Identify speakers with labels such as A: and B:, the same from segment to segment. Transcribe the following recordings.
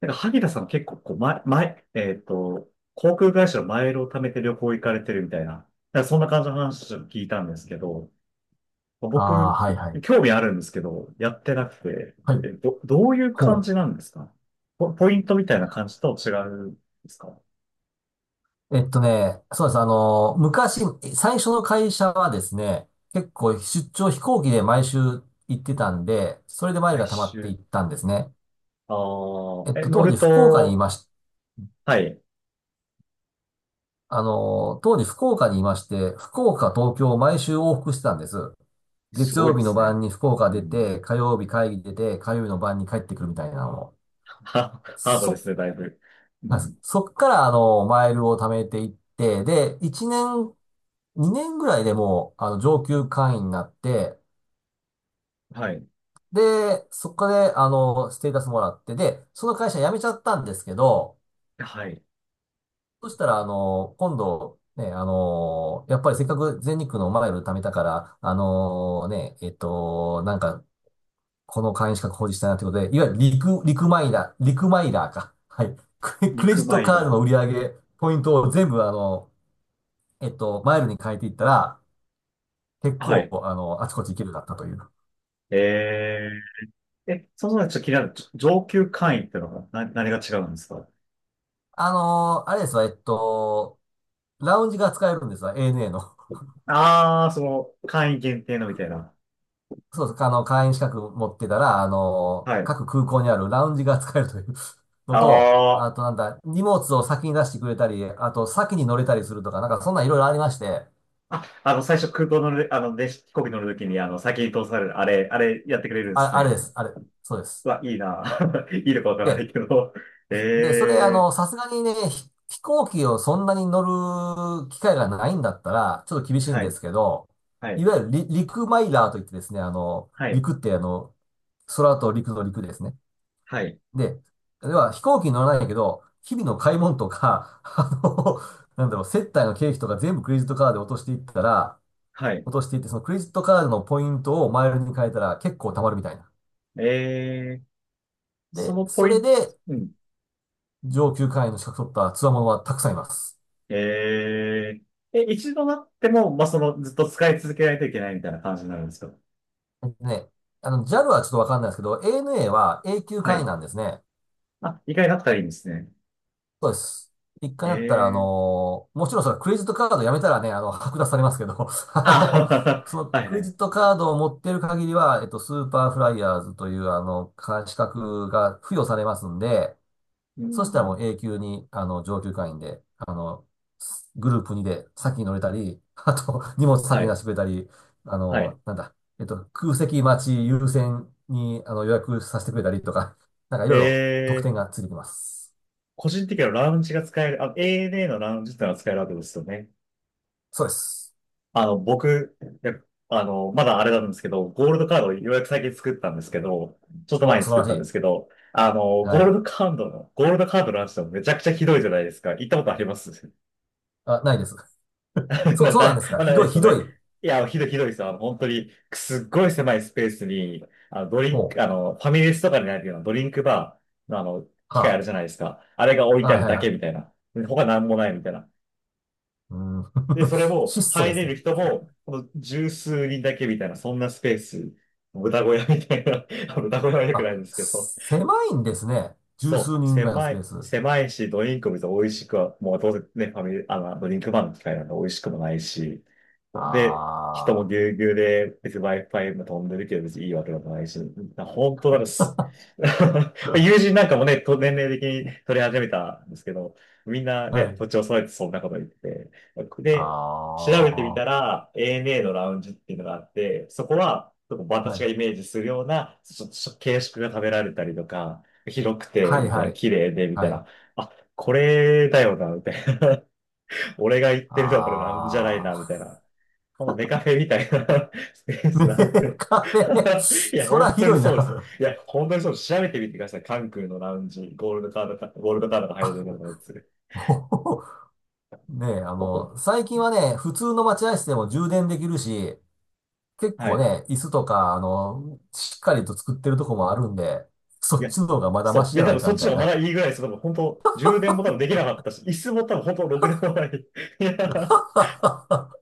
A: なんか、萩田さん結構、こう、前、航空会社のマイルを貯めて旅行行かれてるみたいな、なんかそんな感じの話を聞いたんですけど、
B: ああ、
A: 僕、
B: はいはい。
A: 興味あるんですけど、やってなくて、
B: はい。
A: どういう感
B: ほ
A: じなんですか？ポイントみたいな感じと違うんですか？
B: う。えっとね、そうです。昔、最初の会社はですね、結構出張飛行機で毎週行ってたんで、それでマイル
A: 毎
B: が溜まってい
A: 週。
B: ったんですね。
A: あ
B: えっ
A: あ、
B: と、
A: 乗
B: 当
A: る
B: 時福岡にい
A: と、
B: まし、
A: はい、
B: 当時福岡にいまして、福岡、東京を毎週往復してたんです。
A: す
B: 月
A: ごい
B: 曜
A: で
B: 日の
A: す
B: 晩
A: ね。
B: に福岡
A: う
B: 出
A: ん。
B: て、火曜日会議出て、火曜日の晩に帰ってくるみたいなのを。
A: ハードで
B: そ、
A: すね、だいぶ。う
B: はい、
A: ん。
B: そっからマイルを貯めていって、で、1年2年ぐらいでもう、上級会員になって、
A: はい。
B: で、そこで、ステータスもらって、で、その会社辞めちゃったんですけど、
A: はい。
B: そしたら、今度、やっぱりせっかく全日空のマイル貯めたから、あのね、えっと、なんか、この会員資格保持したいなってことで、いわゆるリクマイラー、リクマイラーか。はい。クレ
A: 陸
B: ジッ
A: マ
B: ト
A: イ
B: カ
A: ラ
B: ード
A: ー。
B: の売り上げ、ポイントを全部、マイルに変えていったら、結
A: は
B: 構、
A: い。
B: あちこち行けるようになったという。
A: ええ、そもそもちょっと気になる、上級会員ってのは何が違うんですか？
B: あのーあれですわ、えっと、ラウンジが使えるんですわ、ANA の。
A: ああー、その、会員限定のみたいな。
B: そうそう、会員資格持ってたら、あの
A: は
B: ー
A: い。
B: 各空港にあるラウンジが使えるという のと、あ
A: あ
B: となんだ、荷物を先に出してくれたり、あと先に乗れたりするとか、なんかそんなんいろいろありまして、
A: あ、最初空港乗る、あの、で、飛行機乗るときに、あの、先に通される、あれやってくれるんです
B: あ、あれ
A: ね。
B: です、あれ、そうで
A: う
B: す。
A: わ、いいな。いいのかわからない
B: で、
A: けど。
B: で、それ、あ
A: ええ、
B: の、さすがにね、飛行機をそんなに乗る機会がないんだったら、ちょっと厳しいん
A: は
B: で
A: い、
B: すけど、
A: は
B: い
A: い、
B: わゆる陸マイラーといってですね、
A: はい、
B: 陸って空と陸ですね。
A: はい、
B: で、では飛行機に乗らないけど、日々の買い物とか、接待の経費とか全部クレジットカードで
A: はい。
B: 落としていって、そのクレジットカードのポイントをマイルに変えたら結構貯まるみたいな。
A: ええ、そ
B: で、
A: のポ
B: そ
A: イ
B: れ
A: ント、
B: で
A: うん。
B: 上級会員の資格取った強者はたくさんいます。
A: えええ、一度なっても、まあ、その、ずっと使い続けないといけないみたいな感じになるんですか？
B: ね、JAL はちょっとわかんないですけど、ANA は永久
A: は
B: 会員
A: い。
B: なんですね。
A: あ、意外だったらいいんですね。
B: そうです。一回なったら、あ
A: ええ、
B: のーもちろんそのクレジットカードやめたらね、剥奪されますけど、あの、
A: あ、
B: その
A: はい
B: ク
A: は
B: レジ
A: い。
B: ットカードを持ってる限りは、スーパーフライヤーズという、資格が付与されますんで、
A: う
B: そしたらも
A: ん、
B: う永久に、上級会員で、グループ2で先に乗れたり、あと、荷物先
A: は
B: に出
A: い、
B: してくれたり、あ
A: はい。
B: の、なんだ、えっと、空席待ち優先に、予約させてくれたりとか、なんかい
A: え
B: ろいろ特
A: え。
B: 典がついてきます。
A: 個人的にはラウンジが使える、あ、ANA のラウンジってのは使えるわけですよね。
B: そうです。
A: あの、僕、いや、あの、まだあれなんですけど、ゴールドカードをようやく最近作ったんですけど、ちょっと前
B: お、
A: に
B: 素晴
A: 作っ
B: ら
A: たん
B: し
A: で
B: い。
A: すけど、あの、ゴ
B: は
A: ール
B: い。
A: ドカードの、ゴールドカードのラウンジってめちゃくちゃひどいじゃないですか。行ったことあります？
B: あ、ないです。そうなんで すか。
A: まあ、
B: ひ
A: ない
B: ど
A: で
B: い、
A: す
B: ひ
A: よ
B: ど
A: ね。
B: い。
A: いや、ひどいひどいですよ。あの本当に、すっごい狭いスペースに、あの、ドリン
B: ほう。
A: ク、あの、ファミレスとかにあるようなドリンクバーの、あの、機械あ
B: は
A: るじゃないですか。あれが置い
B: あ。
A: てあ
B: はい
A: る
B: はい
A: だけ
B: や。
A: みたいな。で他なんもないみたいな。
B: うん。
A: で、それも、
B: 質素で
A: 入れ
B: すね。
A: る人も、この十数人だけみたいな、そんなスペース、豚小屋みたいな、あの豚小屋は良くな
B: あ、
A: いんですけど、
B: 狭いんですね。十
A: そ
B: 数
A: う、
B: 人ぐらいのス
A: 狭
B: ペー
A: い、
B: ス。
A: 狭いし、ドリンクも別に美味しくは、もうどうせね、ファミリー、あの、ドリンクバーの機械なんで美味しくもないし、で、人も
B: あ
A: ぎゅうぎゅうで、別に Wi-Fi も飛んでるけど、別にいいわけでもないし、な本当ならす、
B: あ。
A: 友 人なんかもね、と年齢的に取り始めたんですけど、みんな
B: は
A: ね、
B: い。
A: 土地を揃えてそんなこと言ってて、
B: あ
A: で、調べてみた
B: あ。
A: ら、ANA のラウンジっていうのがあって、そこは、ちょっと
B: は
A: 私が
B: い。
A: イメージするような、ちょっと形式が食べられたりとか、広くて、
B: はい、
A: みたい
B: は
A: な、
B: い。
A: 綺麗で、みたい
B: はい。
A: な。あ、これだよな、みたいな。俺が言ってるのはこれなんじゃない
B: あ
A: な、みたい
B: あ。
A: な。このネカフェみたいな スペー
B: ね
A: スなん
B: え、
A: で。
B: 壁。
A: いや、
B: そら
A: 本
B: ひ
A: 当に
B: どい
A: そうです。
B: な。
A: いや、本当にそうです。調べてみてください。関空のラウンジ、ゴールドカードか、ゴール ドカードが入
B: あ、
A: るようなやつ。
B: おほほねえ、
A: もうほん
B: 最近はね、普通の待合室でも充電できるし、結
A: は
B: 構
A: い。
B: ね、椅子とか、しっかりと作ってるとこもあるんで、
A: い
B: そっ
A: や、
B: ちの方がまだ
A: そ
B: マシ
A: う。い
B: じ
A: や、
B: ゃ
A: 多
B: ない
A: 分
B: か
A: そっ
B: み
A: ち
B: た
A: の
B: い
A: 方がま
B: な。
A: だいいぐらいです。多分本当、充電も多分できなかったし、椅子も多分本当ろくでもない。いや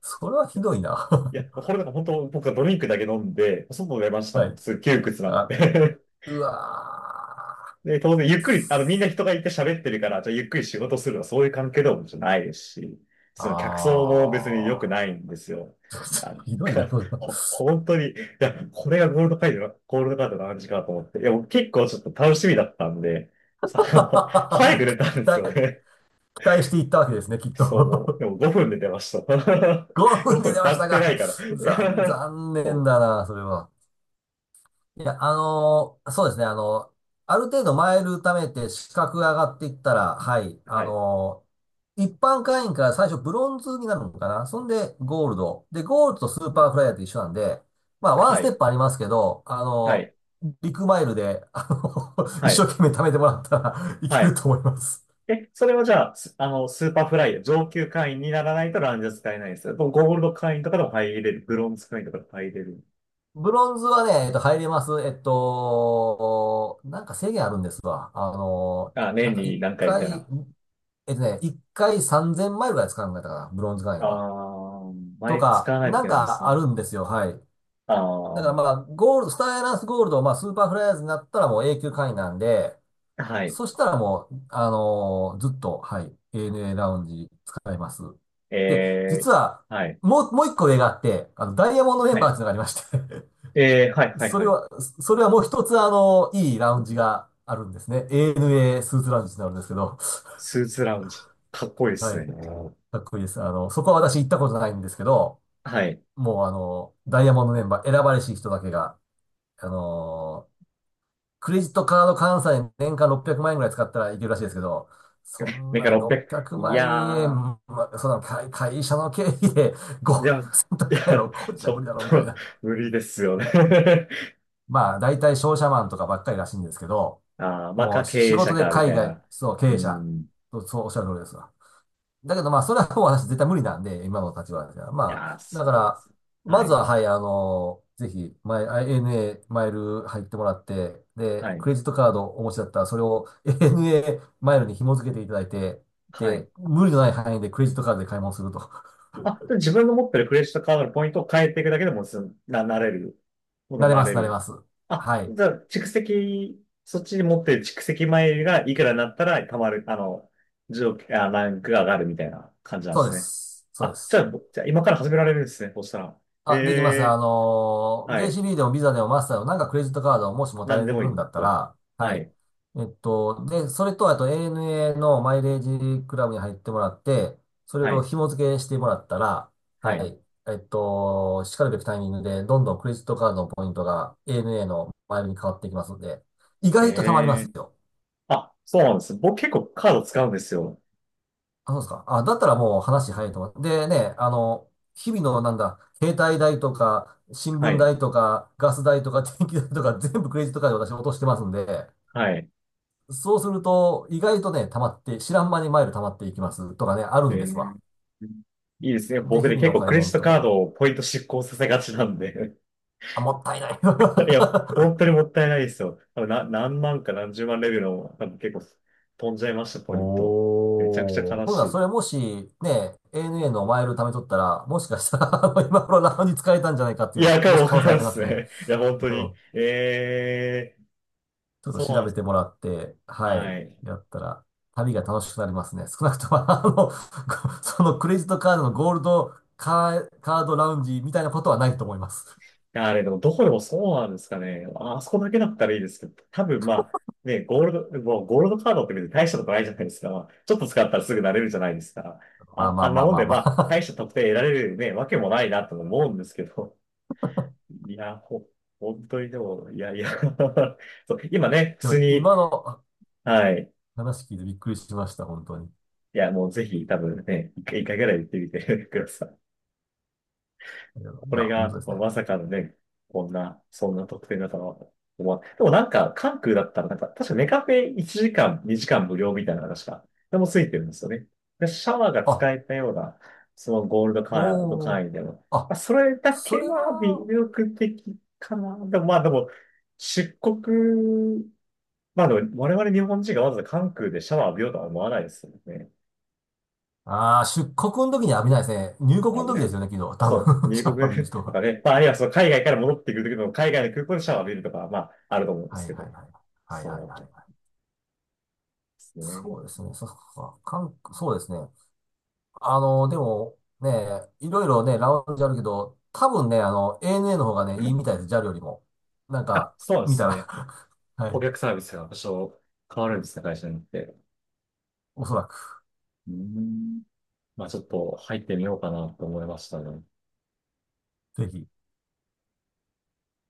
B: それはひどいな。
A: い や、これなんか本当僕はドリンクだけ飲んで、外出ました
B: は
A: の。
B: い。
A: すっげえ窮屈なん
B: あ、
A: で。
B: うわ
A: で、当然ゆっくり、あのみんな人がいて喋ってるから、じゃあゆっくり仕事するのはそういう関係でもじゃないですし、
B: ー。
A: その客層も別に良
B: あ
A: く
B: ー。
A: ないんですよ。なん
B: ひどいな、
A: か、
B: それは。
A: 本当に、いや、これがゴールドカードの話かと思って。いや、僕結構ちょっと楽しみだったんで、あの、早く 出たん
B: 期
A: ですよ
B: 待、
A: ね。
B: 期待していったわけですね、きっ
A: そう、もう、で
B: と。
A: も5分で出ました。
B: 5分
A: 5
B: で
A: 分
B: 出
A: 経
B: ました
A: ってな
B: が、
A: いから。
B: 残、残念
A: そ
B: だな、それは。いや、あのーそうですね、あのある程度マイル貯めて資格が上がっていったら、はい、
A: う。
B: あ
A: はい。
B: のー一般会員から最初ブロンズになるのかな。そんでゴールド。で、ゴールドとスーパーフライヤーって一緒なんで、まあ、ワン
A: は
B: ステ
A: い。
B: ップありますけど、あ
A: は
B: の
A: い。
B: ービッグマイルで、あの 一
A: は
B: 生
A: い。
B: 懸命貯めてもらったらい
A: は
B: ける
A: い。
B: と思います。
A: それはじゃあ、すあの、スーパーフライ、上級会員にならないとランジャ使えないですよ。でゴールド会員とかでも入れる。ブロンズ会員とかでも入れる。
B: ブロンズはね、入れます。なんか制限あるんですわ。あの
A: あ、
B: な
A: 年
B: んか
A: に
B: 一
A: 何回みたい
B: 回、
A: な。
B: えっとね、一回3000マイルぐらい使うんだったかな、ブロンズ会員
A: あ
B: は。
A: ー、
B: と
A: 毎日使
B: か、
A: わないとい
B: な
A: け
B: ん
A: ないんです
B: かあ
A: ね。
B: るんですよ、はい。
A: あ
B: だから
A: ー、
B: まあ、ゴールド、スターエアラインスゴールド、まあ、スーパーフライヤーズになったらもう永久会員なんで、
A: はい。
B: そしたらもう、あのーずっと、はい、ANA ラウンジ使えます。で、
A: えー、
B: 実は、
A: はい。
B: もう一個上があって、ダイヤモンドメン
A: は
B: バーっ
A: い。
B: ていうのがありまして、
A: はい、はい、
B: そ
A: は
B: れ
A: い。
B: は、それはもう一つ、あのいいラウンジがあるんですね。ANA スーツラウンジになるんですけど、
A: スーツラウンジ。かっこいいで
B: は
A: すね。
B: い。かっこいいです。そこは私行ったことないんですけど、
A: はい。
B: もうあの、ダイヤモンドメンバー選ばれし人だけが、あのークレジットカード換算で年間600万円ぐらい使ったらいけるらしいですけど、そん
A: メカ
B: な
A: 600。
B: 600
A: い
B: 万
A: や
B: 円、
A: ー、
B: まあ、そんな会社の経費でご
A: で
B: ひゃ
A: も、
B: くせん と
A: い
B: かや
A: や、
B: ろ、こっちじ
A: ち
B: ゃ
A: ょ
B: 無理
A: っ
B: だろ、みたい
A: と
B: な。
A: 無理ですよね。
B: まあ、大体商社マンとかばっかりらしいんですけど、
A: ああ、まあ、
B: もう
A: 経
B: 仕
A: 営者
B: 事で
A: か、み
B: 海
A: たい
B: 外、
A: な。
B: そう、経営
A: う
B: 者、
A: ん。い
B: そう、そうおっしゃる通りですわ。だけどまあ、それはもう私絶対無理なんで、今の立場じゃ。ま
A: やー、
B: あ、だ
A: そ
B: か
A: うで
B: ら、
A: す。は
B: まず
A: い。
B: は、はい、ぜひ、ANA マイル入ってもらって、
A: は
B: で、
A: い。
B: クレジットカードお持ちだったら、それを ANA マイルに紐付けていただいて、
A: はい。
B: で、無理のない範囲でクレジットカードで買い物すると。
A: あ、で自分の持ってるクレジットカードのポイントを変えていくだけでもなれる。そ う
B: なれ
A: な
B: ま
A: れ
B: す、なれま
A: る。
B: す。
A: あ、
B: はい。
A: じゃあ、蓄積、そっちに持ってる蓄積前がいくらになったら、たまる、あの、ランクが上がるみたいな感じなんで
B: そうで
A: すね。
B: す。そうで
A: あ、じゃ
B: す。
A: あ、じゃあ今から始められるんですね、そうしたら。え
B: あ、できます。あ
A: え、
B: のー、
A: はい。
B: JCB でもビザでもマスターでもなんかクレジットカードをもし持た
A: なん
B: れ
A: で
B: て
A: もい
B: るん
A: い
B: だった
A: と。
B: ら、は
A: は
B: い。
A: い。
B: で、それと、あと ANA のマイレージクラブに入ってもらって、それ
A: は
B: を
A: い。
B: 紐付けしてもらったら、
A: は
B: は
A: い。
B: い。しかるべきタイミングで、どんどんクレジットカードのポイントが ANA のマイルに変わっていきますので、意
A: え
B: 外と貯まります
A: え、
B: よ。
A: あ、そうなんです。僕結構カード使うんですよ。
B: あ、そうですか。あ、だったらもう話早いと思う。でね、日々のなんだ、携帯代とか、新
A: は
B: 聞
A: い。
B: 代とか、ガス代とか、電気代とか、全部クレジットカードで私落としてますんで、
A: はい。
B: そうすると、意外とね、溜まって、知らん間にマイル溜まっていきますとかね、ある
A: え
B: んですわ。
A: ーいいですね。
B: で、
A: 僕
B: 日
A: ね、
B: 々
A: 結
B: の
A: 構
B: 買
A: ク
B: い
A: レジッ
B: 物
A: ト
B: と
A: カー
B: か。
A: ドをポイント失効させがちなんで。
B: あ、もったいない。
A: い や、本当にもったいないですよ。多分な、何万か何十万レベルの、多分結構飛んじゃいました、ポイント。めちゃくちゃ
B: おー。
A: 悲
B: ほん
A: し
B: なら、そ
A: い。
B: れもし、ね、ANA のマイル貯めとったら、もしかしたら 今頃ラウンジ使えたんじゃないかって
A: い
B: いう、
A: や、か
B: も
A: も
B: し
A: わ
B: 可
A: か
B: 能性あ
A: らんっ
B: ります
A: す
B: ね。
A: ね。いや、本当
B: う
A: に。
B: ん、
A: ええ、ー
B: ちょっと
A: そうな
B: 調
A: んで
B: べ
A: す。
B: てもらって、はい、
A: はい。
B: やったら、旅が楽しくなりますね。少なくとも、あの、そのクレジットカードのゴールドカー、カードラウンジみたいなことはないと思います。
A: や、あれでもどこでもそうなんですかね。ああ、そこだけだったらいいですけど、多分まあ、ね、ゴールド、もうゴールドカードって別に大したことないじゃないですか。まあちょっと使ったらすぐ慣れるじゃないですか。
B: まあ
A: あ、
B: まあ
A: あん
B: ま
A: な
B: あ
A: もん
B: まあ
A: で、ま
B: ま
A: あ、
B: あ。
A: 大した得点得られるね、わけもないなと思うんですけど。いや、本当にでも、いやいや そう、今ね、普
B: で
A: 通
B: も、
A: に、
B: 今の
A: はい。
B: 話聞いてびっくりしました、本当に。
A: いや、もうぜひ多分ね、一回一回ぐらい行ってみてください。
B: いや、い
A: こ
B: や
A: れ
B: 本当
A: が、
B: です
A: まあ、
B: ね。
A: まさかのね、こんな、そんな得点だとはでもなんか、関空だったら、なんか、確かネカフェ1時間、2時間無料みたいな話が、でもついてるんですよね。で、シャワーが
B: あ、
A: 使えたような、そのゴールドカード
B: おー。
A: 会員でも、まあ、
B: あ、
A: それだ
B: そ
A: け
B: れ
A: は魅
B: は、
A: 力的かな。でもまあでも、出国、まあでも、我々日本人がわざわざ関空でシャワー浴びようとは思わないですよね。
B: ああ、出国の時には浴びないですね。入国
A: あの
B: の
A: ね、
B: 時ですよね、昨日。多
A: そう、
B: 分、
A: 米
B: シャ
A: 国
B: ワー浴びる人
A: と
B: が。
A: かね、まあ、あるいはその海外から戻ってくるときの海外の空港でシャワーを浴びるとか、まあ、あると思うんで
B: は
A: す
B: い
A: け
B: はい
A: ど。
B: はい。はいはいはい
A: そう
B: は
A: で
B: い。
A: すね。
B: そうですね。そっか。韓国、そうですね。でもね、いろいろね、ラウンジあるけど、多分ね、ANA の方がね、いいみたいです、JAL よりも。なん
A: あ、
B: か、
A: そうで
B: 見た
A: す
B: ら
A: ね。
B: は
A: 顧
B: い。
A: 客サービスが多少変わるんですね、会社によって。
B: おそらく、
A: うーん。まあ、ちょっと入ってみようかなと思いましたね。
B: ぜひ。